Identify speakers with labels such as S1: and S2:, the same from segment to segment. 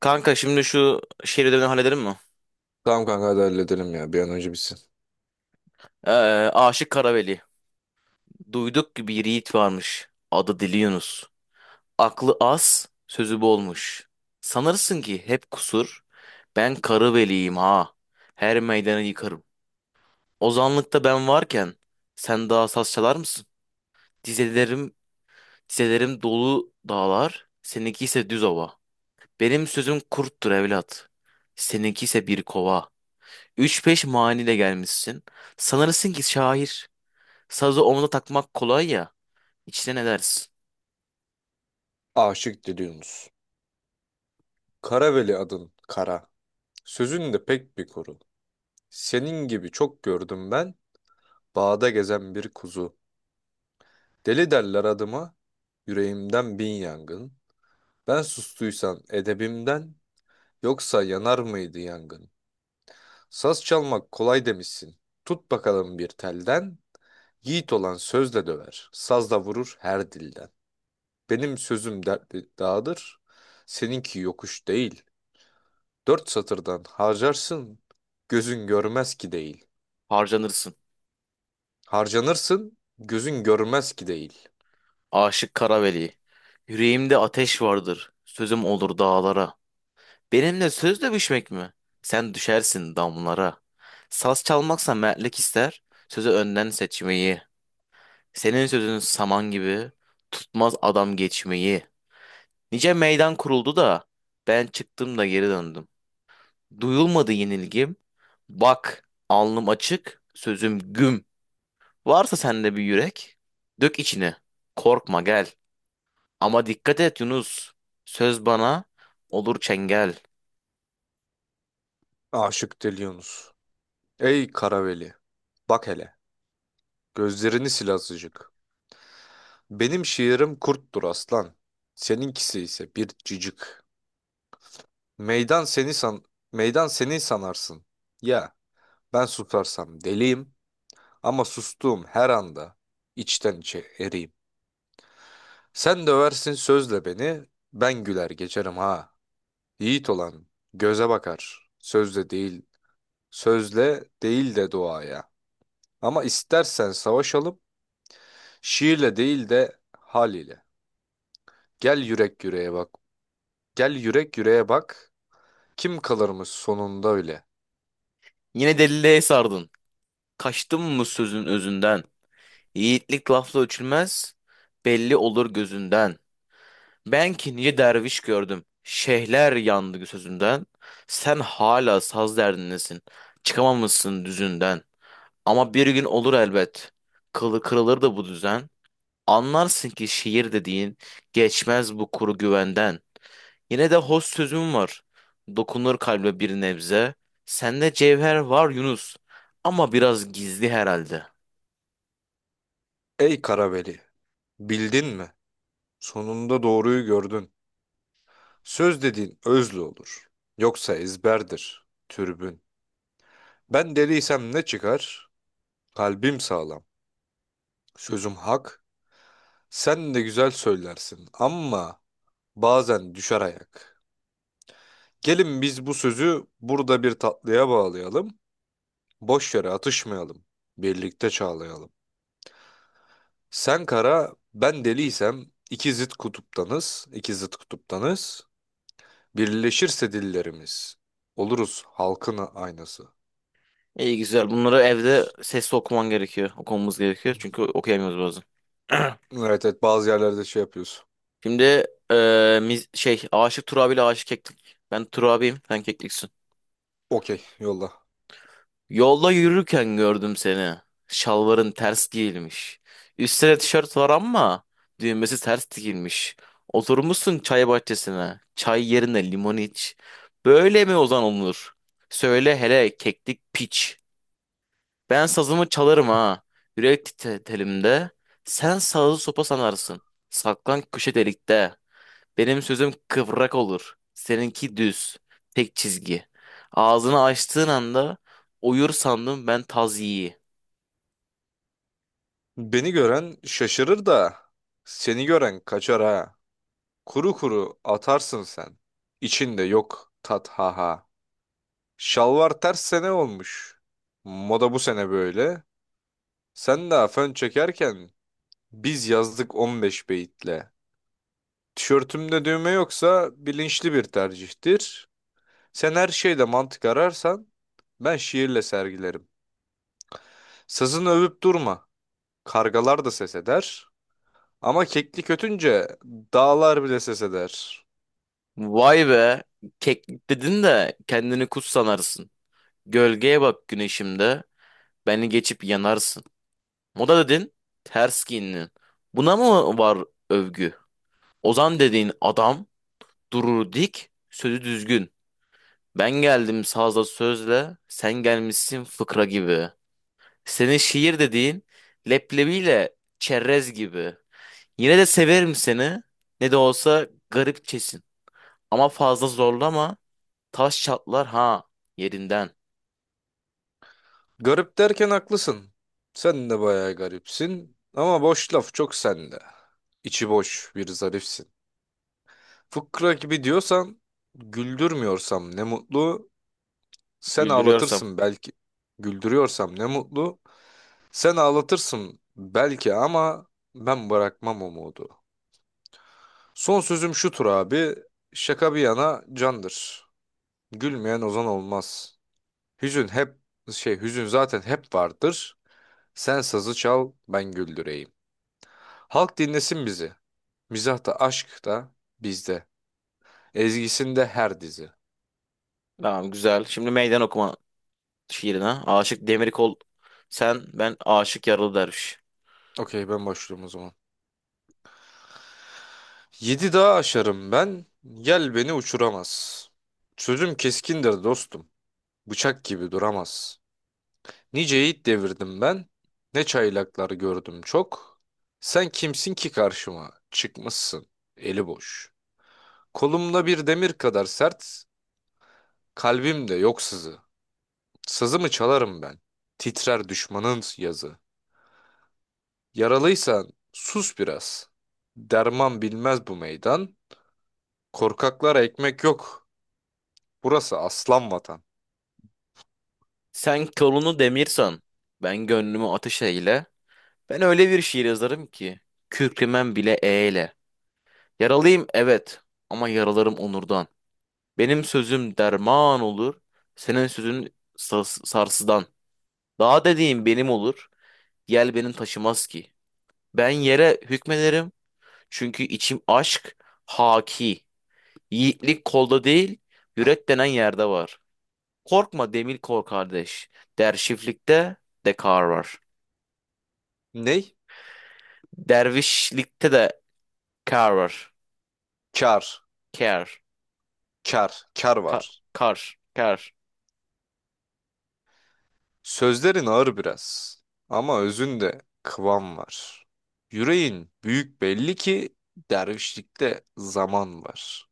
S1: Kanka şimdi şu şehir ödevini halledelim mi?
S2: Tamam kanka hadi halledelim ya bir an önce bitsin.
S1: Ee, Aşık Karaveli. Duyduk ki bir yiğit varmış. Adı Dili Yunus. Aklı az, sözü bolmuş. Sanırsın ki hep kusur. Ben Karaveliyim ha. Her meydanı yıkarım. Ozanlıkta ben varken sen daha saz çalar mısın? Dizelerim, dizelerim dolu dağlar. Seninki ise düz ova. Benim sözüm kurttur evlat. Seninki ise bir kova. Üç beş maniyle gelmişsin. Sanırsın ki şair. Sazı omuza takmak kolay ya. İçten edersin.
S2: Aşık Diliyorsunuz. Karaveli adın kara. Sözün de pek bir kuru. Senin gibi çok gördüm ben. Bağda gezen bir kuzu. Deli derler adıma. Yüreğimden bin yangın. Ben sustuysan edebimden. Yoksa yanar mıydı yangın? Saz çalmak kolay demişsin. Tut bakalım bir telden. Yiğit olan sözle döver. Sazla vurur her dilden. Benim sözüm dertli dağdır. Seninki yokuş değil. Dört satırdan harcarsın, gözün görmez ki değil.
S1: Harcanırsın.
S2: Harcanırsın, gözün görmez ki değil.
S1: Aşık Karaveli. Yüreğimde ateş vardır. Sözüm olur dağlara. Benimle söz dövüşmek mi? Sen düşersin damlara. Saz çalmaksa mertlik ister. Sözü önden seçmeyi. Senin sözün saman gibi. Tutmaz adam geçmeyi. Nice meydan kuruldu da. Ben çıktım da geri döndüm. Duyulmadı yenilgim. Bak, alnım açık, sözüm güm. Varsa sende bir yürek, dök içine. Korkma gel. Ama dikkat et Yunus. Söz bana olur çengel.
S2: Aşık Deli Yunus. Ey Karaveli, bak hele, gözlerini sil azıcık. Benim şiirim kurttur aslan, seninkisi ise bir cicik. Meydan seni san, meydan seni sanarsın. Ya, ben susarsam deliyim ama sustuğum her anda içten içe eriyim. Sen döversin sözle beni, ben güler geçerim ha. Yiğit olan göze bakar, sözle değil, de duaya. Ama istersen savaşalım, şiirle değil de hal ile. Gel yürek yüreğe bak, gel yürek yüreğe bak, kim kalırmış sonunda öyle.
S1: Yine deliliğe sardın. Kaçtın mı sözün özünden? Yiğitlik lafla ölçülmez, belli olur gözünden. Ben ki nice derviş gördüm. Şeyhler yandı sözünden. Sen hala saz derdindesin. Çıkamamışsın düzünden. Ama bir gün olur elbet. Kılı kırılır da bu düzen. Anlarsın ki şiir dediğin geçmez bu kuru güvenden. Yine de hoş sözüm var. Dokunur kalbe bir nebze. Sende cevher var Yunus. Ama biraz gizli herhalde.
S2: Ey Karaveli, bildin mi? Sonunda doğruyu gördün. Söz dediğin özlü olur, yoksa ezberdir, türbün. Ben deliysem ne çıkar? Kalbim sağlam, sözüm hak, sen de güzel söylersin ama... bazen düşer ayak. Gelin biz bu sözü burada bir tatlıya bağlayalım. Boş yere atışmayalım. Birlikte çağlayalım. Sen kara, ben deliysem iki zıt kutuptanız, Birleşirse dillerimiz oluruz halkın aynası.
S1: İyi güzel. Bunları evde sesli okuman gerekiyor. Okumamız gerekiyor. Çünkü okuyamıyoruz bazen.
S2: Evet evet, bazı yerlerde şey yapıyoruz.
S1: Şimdi Aşık Turabi ile Aşık Keklik. Ben Turabi'yim. Sen Kekliksin.
S2: Okey, yolla.
S1: Yolda yürürken gördüm seni. Şalvarın ters giyilmiş. Üstüne tişört var ama düğmesi ters dikilmiş. Oturmuşsun çay bahçesine. Çay yerine limon iç. Böyle mi ozan olunur? Söyle hele keklik piç. Ben sazımı çalarım ha. Yürek titelimde. Sen sazı sopa sanarsın. Saklan köşe delikte. Benim sözüm kıvrak olur. Seninki düz. Tek çizgi. Ağzını açtığın anda uyur sandım ben taz yiği.
S2: Beni gören şaşırır da seni gören kaçar ha. Kuru kuru atarsın sen. İçinde yok tat ha ha. Şalvar ters sene olmuş. Moda bu sene böyle. Sen daha fön çekerken biz yazdık 15 beyitle. Tişörtümde düğme yoksa bilinçli bir tercihtir. Sen her şeyde mantık ararsan ben şiirle sergilerim. Sazını övüp durma. Kargalar da ses eder. Ama kekli kötünce dağlar bile ses eder.
S1: Vay be. Keklik dedin de kendini kuş sanarsın. Gölgeye bak güneşimde. Beni geçip yanarsın. Moda dedin. Ters giyindin. Buna mı var övgü? Ozan dediğin adam durur dik, sözü düzgün. Ben geldim sazla sözle, sen gelmişsin fıkra gibi. Senin şiir dediğin leblebiyle çerez gibi. Yine de severim seni. Ne de olsa garipçesin. Ama fazla zorlama. Taş çatlar ha yerinden.
S2: Garip derken haklısın. Sen de bayağı garipsin. Ama boş laf çok sende. İçi boş bir zarifsin. Fıkra gibi diyorsan güldürmüyorsam ne mutlu. Sen
S1: Güldürüyorsam.
S2: ağlatırsın belki. Güldürüyorsam ne mutlu. Sen ağlatırsın belki ama ben bırakmam umudu. Son sözüm şudur abi. Şaka bir yana candır. Gülmeyen ozan olmaz. Hüzün hep hüzün zaten hep vardır. Sen sazı çal ben güldüreyim. Halk dinlesin bizi. Mizah da aşk da bizde. Ezgisinde her dizi.
S1: Tamam güzel. Şimdi meydan okuma şiirine. Aşık demir kol. Sen ben aşık yaralı derviş.
S2: Okey, ben başlıyorum o zaman. Yedi dağı aşarım ben, yel beni uçuramaz. Sözüm keskindir dostum, bıçak gibi duramaz. Nice yiğit devirdim ben, ne çaylaklar gördüm çok. Sen kimsin ki karşıma, çıkmışsın, eli boş. Kolumda bir demir kadar sert, kalbimde yok sızı. Sazımı çalarım ben, titrer düşmanın yazı. Yaralıysan sus biraz, derman bilmez bu meydan. Korkaklara ekmek yok, burası aslan vatan.
S1: Sen kolunu demirsan. Ben gönlümü ateş eyle. Ben öyle bir şiir yazarım ki. Kükremem bile eyle. Yaralıyım evet. Ama yaralarım onurdan. Benim sözüm derman olur. Senin sözün sarsıdan. Dağ dediğim benim olur. Yel benim taşımaz ki. Ben yere hükmederim. Çünkü içim aşk haki. Yiğitlik kolda değil, yürek denen yerde var. Korkma demir kor kardeş. Dervişlikte de kar var.
S2: Ney?
S1: Dervişlikte de kar var.
S2: Kar.
S1: Kar.
S2: Kar. Kar
S1: Ka-
S2: var.
S1: kar. Kar.
S2: Sözlerin ağır biraz. Ama özünde kıvam var. Yüreğin büyük belli ki dervişlikte zaman var.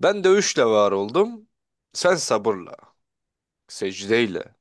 S2: Ben dövüşle var oldum. Sen sabırla. Secdeyle.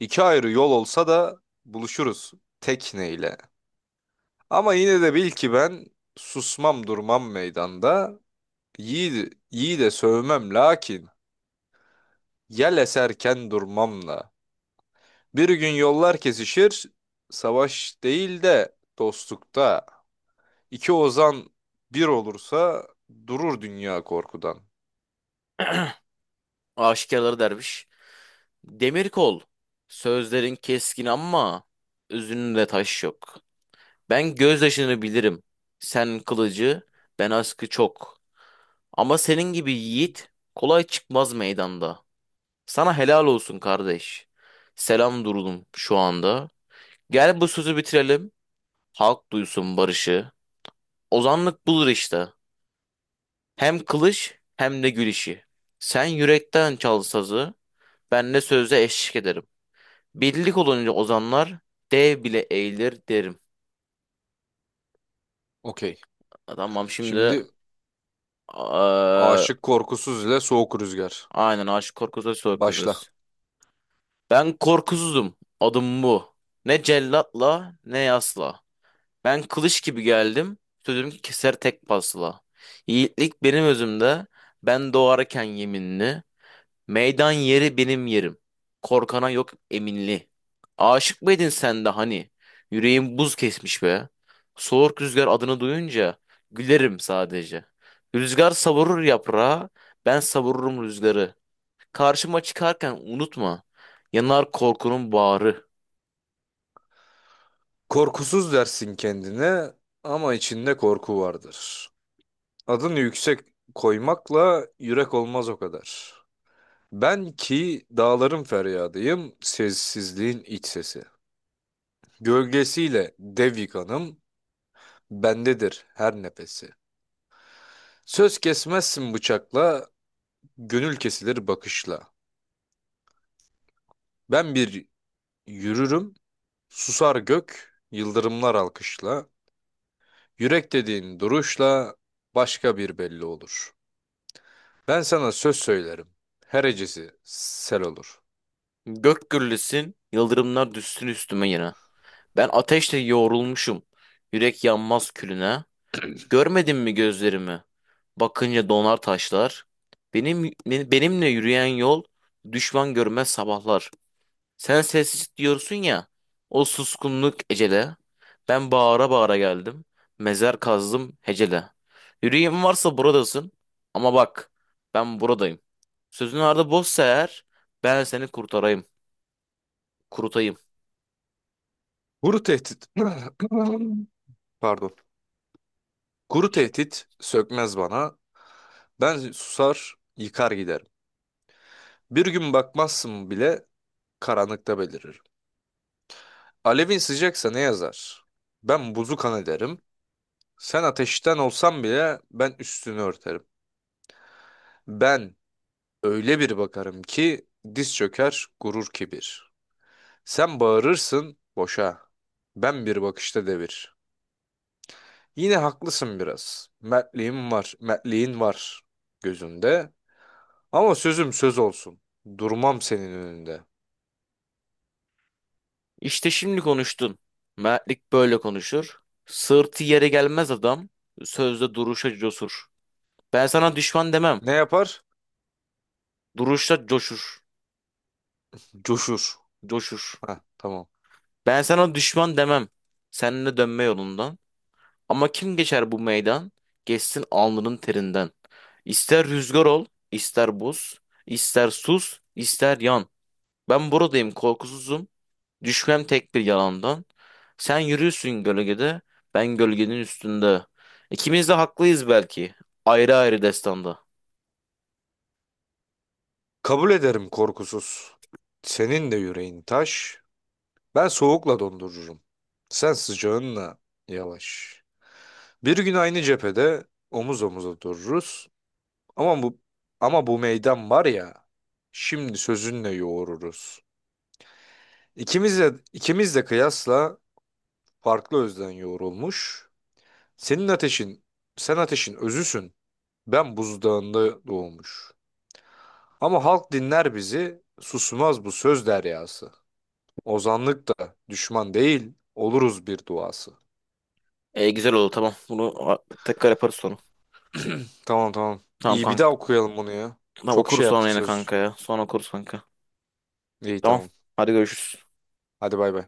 S2: İki ayrı yol olsa da buluşuruz tekneyle. Ama yine de bil ki ben susmam durmam meydanda. Yiğidi, yiğide sövmem lakin yel eserken durmamla. Bir gün yollar kesişir, savaş değil de dostlukta. İki ozan bir olursa durur dünya korkudan.
S1: Aşikarları derviş. Demir kol. Sözlerin keskin ama özünde taş yok. Ben gözyaşını bilirim. Sen kılıcı, ben askı çok. Ama senin gibi yiğit kolay çıkmaz meydanda. Sana helal olsun kardeş. Selam durdum şu anda. Gel bu sözü bitirelim. Halk duysun barışı. Ozanlık bulur işte. Hem kılıç hem de gülüşü. Sen yürekten çal sazı, ben de sözle eşlik ederim. Birlik olunca ozanlar dev bile eğilir derim.
S2: Okey.
S1: Tamam şimdi
S2: Şimdi
S1: eee,
S2: aşık korkusuz ile soğuk rüzgar.
S1: aynen Aşık Korkusuz
S2: Başla.
S1: Korkusuz. Ben korkusuzum. Adım bu. Ne cellatla ne yasla. Ben kılıç gibi geldim. Sözüm keser tek pasla. Yiğitlik benim özümde. Ben doğarken yeminli. Meydan yeri benim yerim. Korkana yok eminli. Aşık mıydın sen de hani? Yüreğim buz kesmiş be. Soğuk rüzgar adını duyunca gülerim sadece. Rüzgar savurur yaprağı, ben savururum rüzgarı. Karşıma çıkarken unutma, yanar korkunun bağrı.
S2: Korkusuz dersin kendine ama içinde korku vardır. Adını yüksek koymakla yürek olmaz o kadar. Ben ki dağların feryadıyım, sessizliğin iç sesi. Gölgesiyle dev yıkanım, bendedir her nefesi. Söz kesmezsin bıçakla, gönül kesilir bakışla. Ben bir yürürüm, susar gök, yıldırımlar alkışla. Yürek dediğin duruşla başka bir belli olur. Ben sana söz söylerim, her hecesi sel olur.
S1: Gök gürlesin, yıldırımlar düşsün üstüme yine. Ben ateşle yoğrulmuşum, yürek yanmaz külüne. Görmedin mi gözlerimi? Bakınca donar taşlar. Benim benimle yürüyen yol düşman görmez sabahlar. Sen sessiz diyorsun ya. O suskunluk ecele. Ben bağıra bağıra geldim. Mezar kazdım hecele. Yüreğim varsa buradasın. Ama bak ben buradayım. Sözün ardı boşsa eğer ben seni kurtarayım. Kurutayım.
S2: Kuru tehdit, pardon, kuru tehdit sökmez bana. Ben susar, yıkar giderim. Bir gün bakmazsın bile karanlıkta beliririm. Alevin sıcaksa ne yazar? Ben buzu kan ederim. Sen ateşten olsan bile ben üstünü örterim. Ben öyle bir bakarım ki diz çöker gurur kibir. Sen bağırırsın boşa. Ben bir bakışta devir. Yine haklısın biraz. Mertliğim var, mertliğin var gözünde. Ama sözüm söz olsun. Durmam senin önünde.
S1: İşte şimdi konuştun. Mertlik böyle konuşur. Sırtı yere gelmez adam. Sözde duruşa cosur. Ben sana düşman demem.
S2: Ne yapar?
S1: Duruşta coşur.
S2: Coşur.
S1: Coşur.
S2: Ha, tamam.
S1: Ben sana düşman demem. Seninle dönme yolundan. Ama kim geçer bu meydan? Geçsin alnının terinden. İster rüzgar ol, ister buz, ister sus, ister yan. Ben buradayım korkusuzum. Düşmem tek bir yalandan. Sen yürüyorsun gölgede, ben gölgenin üstünde. İkimiz de haklıyız belki. Ayrı ayrı destanda.
S2: Kabul ederim korkusuz. Senin de yüreğin taş. Ben soğukla dondururum. Sen sıcağınla yavaş. Bir gün aynı cephede omuz omuza dururuz. Ama bu ama bu meydan var ya. Şimdi sözünle yoğururuz. İkimiz de kıyasla farklı özden yoğrulmuş. Senin ateşin, sen ateşin özüsün. Ben buzdağında doğmuş. Ama halk dinler bizi, susmaz bu söz deryası. Ozanlık da düşman değil, oluruz bir duası.
S1: E, güzel oldu tamam. Bunu tekrar yaparız sonra.
S2: Tamam tamam.
S1: Tamam
S2: İyi, bir daha
S1: kanka.
S2: okuyalım bunu ya.
S1: Tamam
S2: Çok
S1: okuruz
S2: şey
S1: sonra
S2: yaptık
S1: yine
S2: söz.
S1: kanka ya. Sonra okuruz kanka.
S2: İyi
S1: Tamam.
S2: tamam.
S1: Hadi görüşürüz.
S2: Hadi bay bay.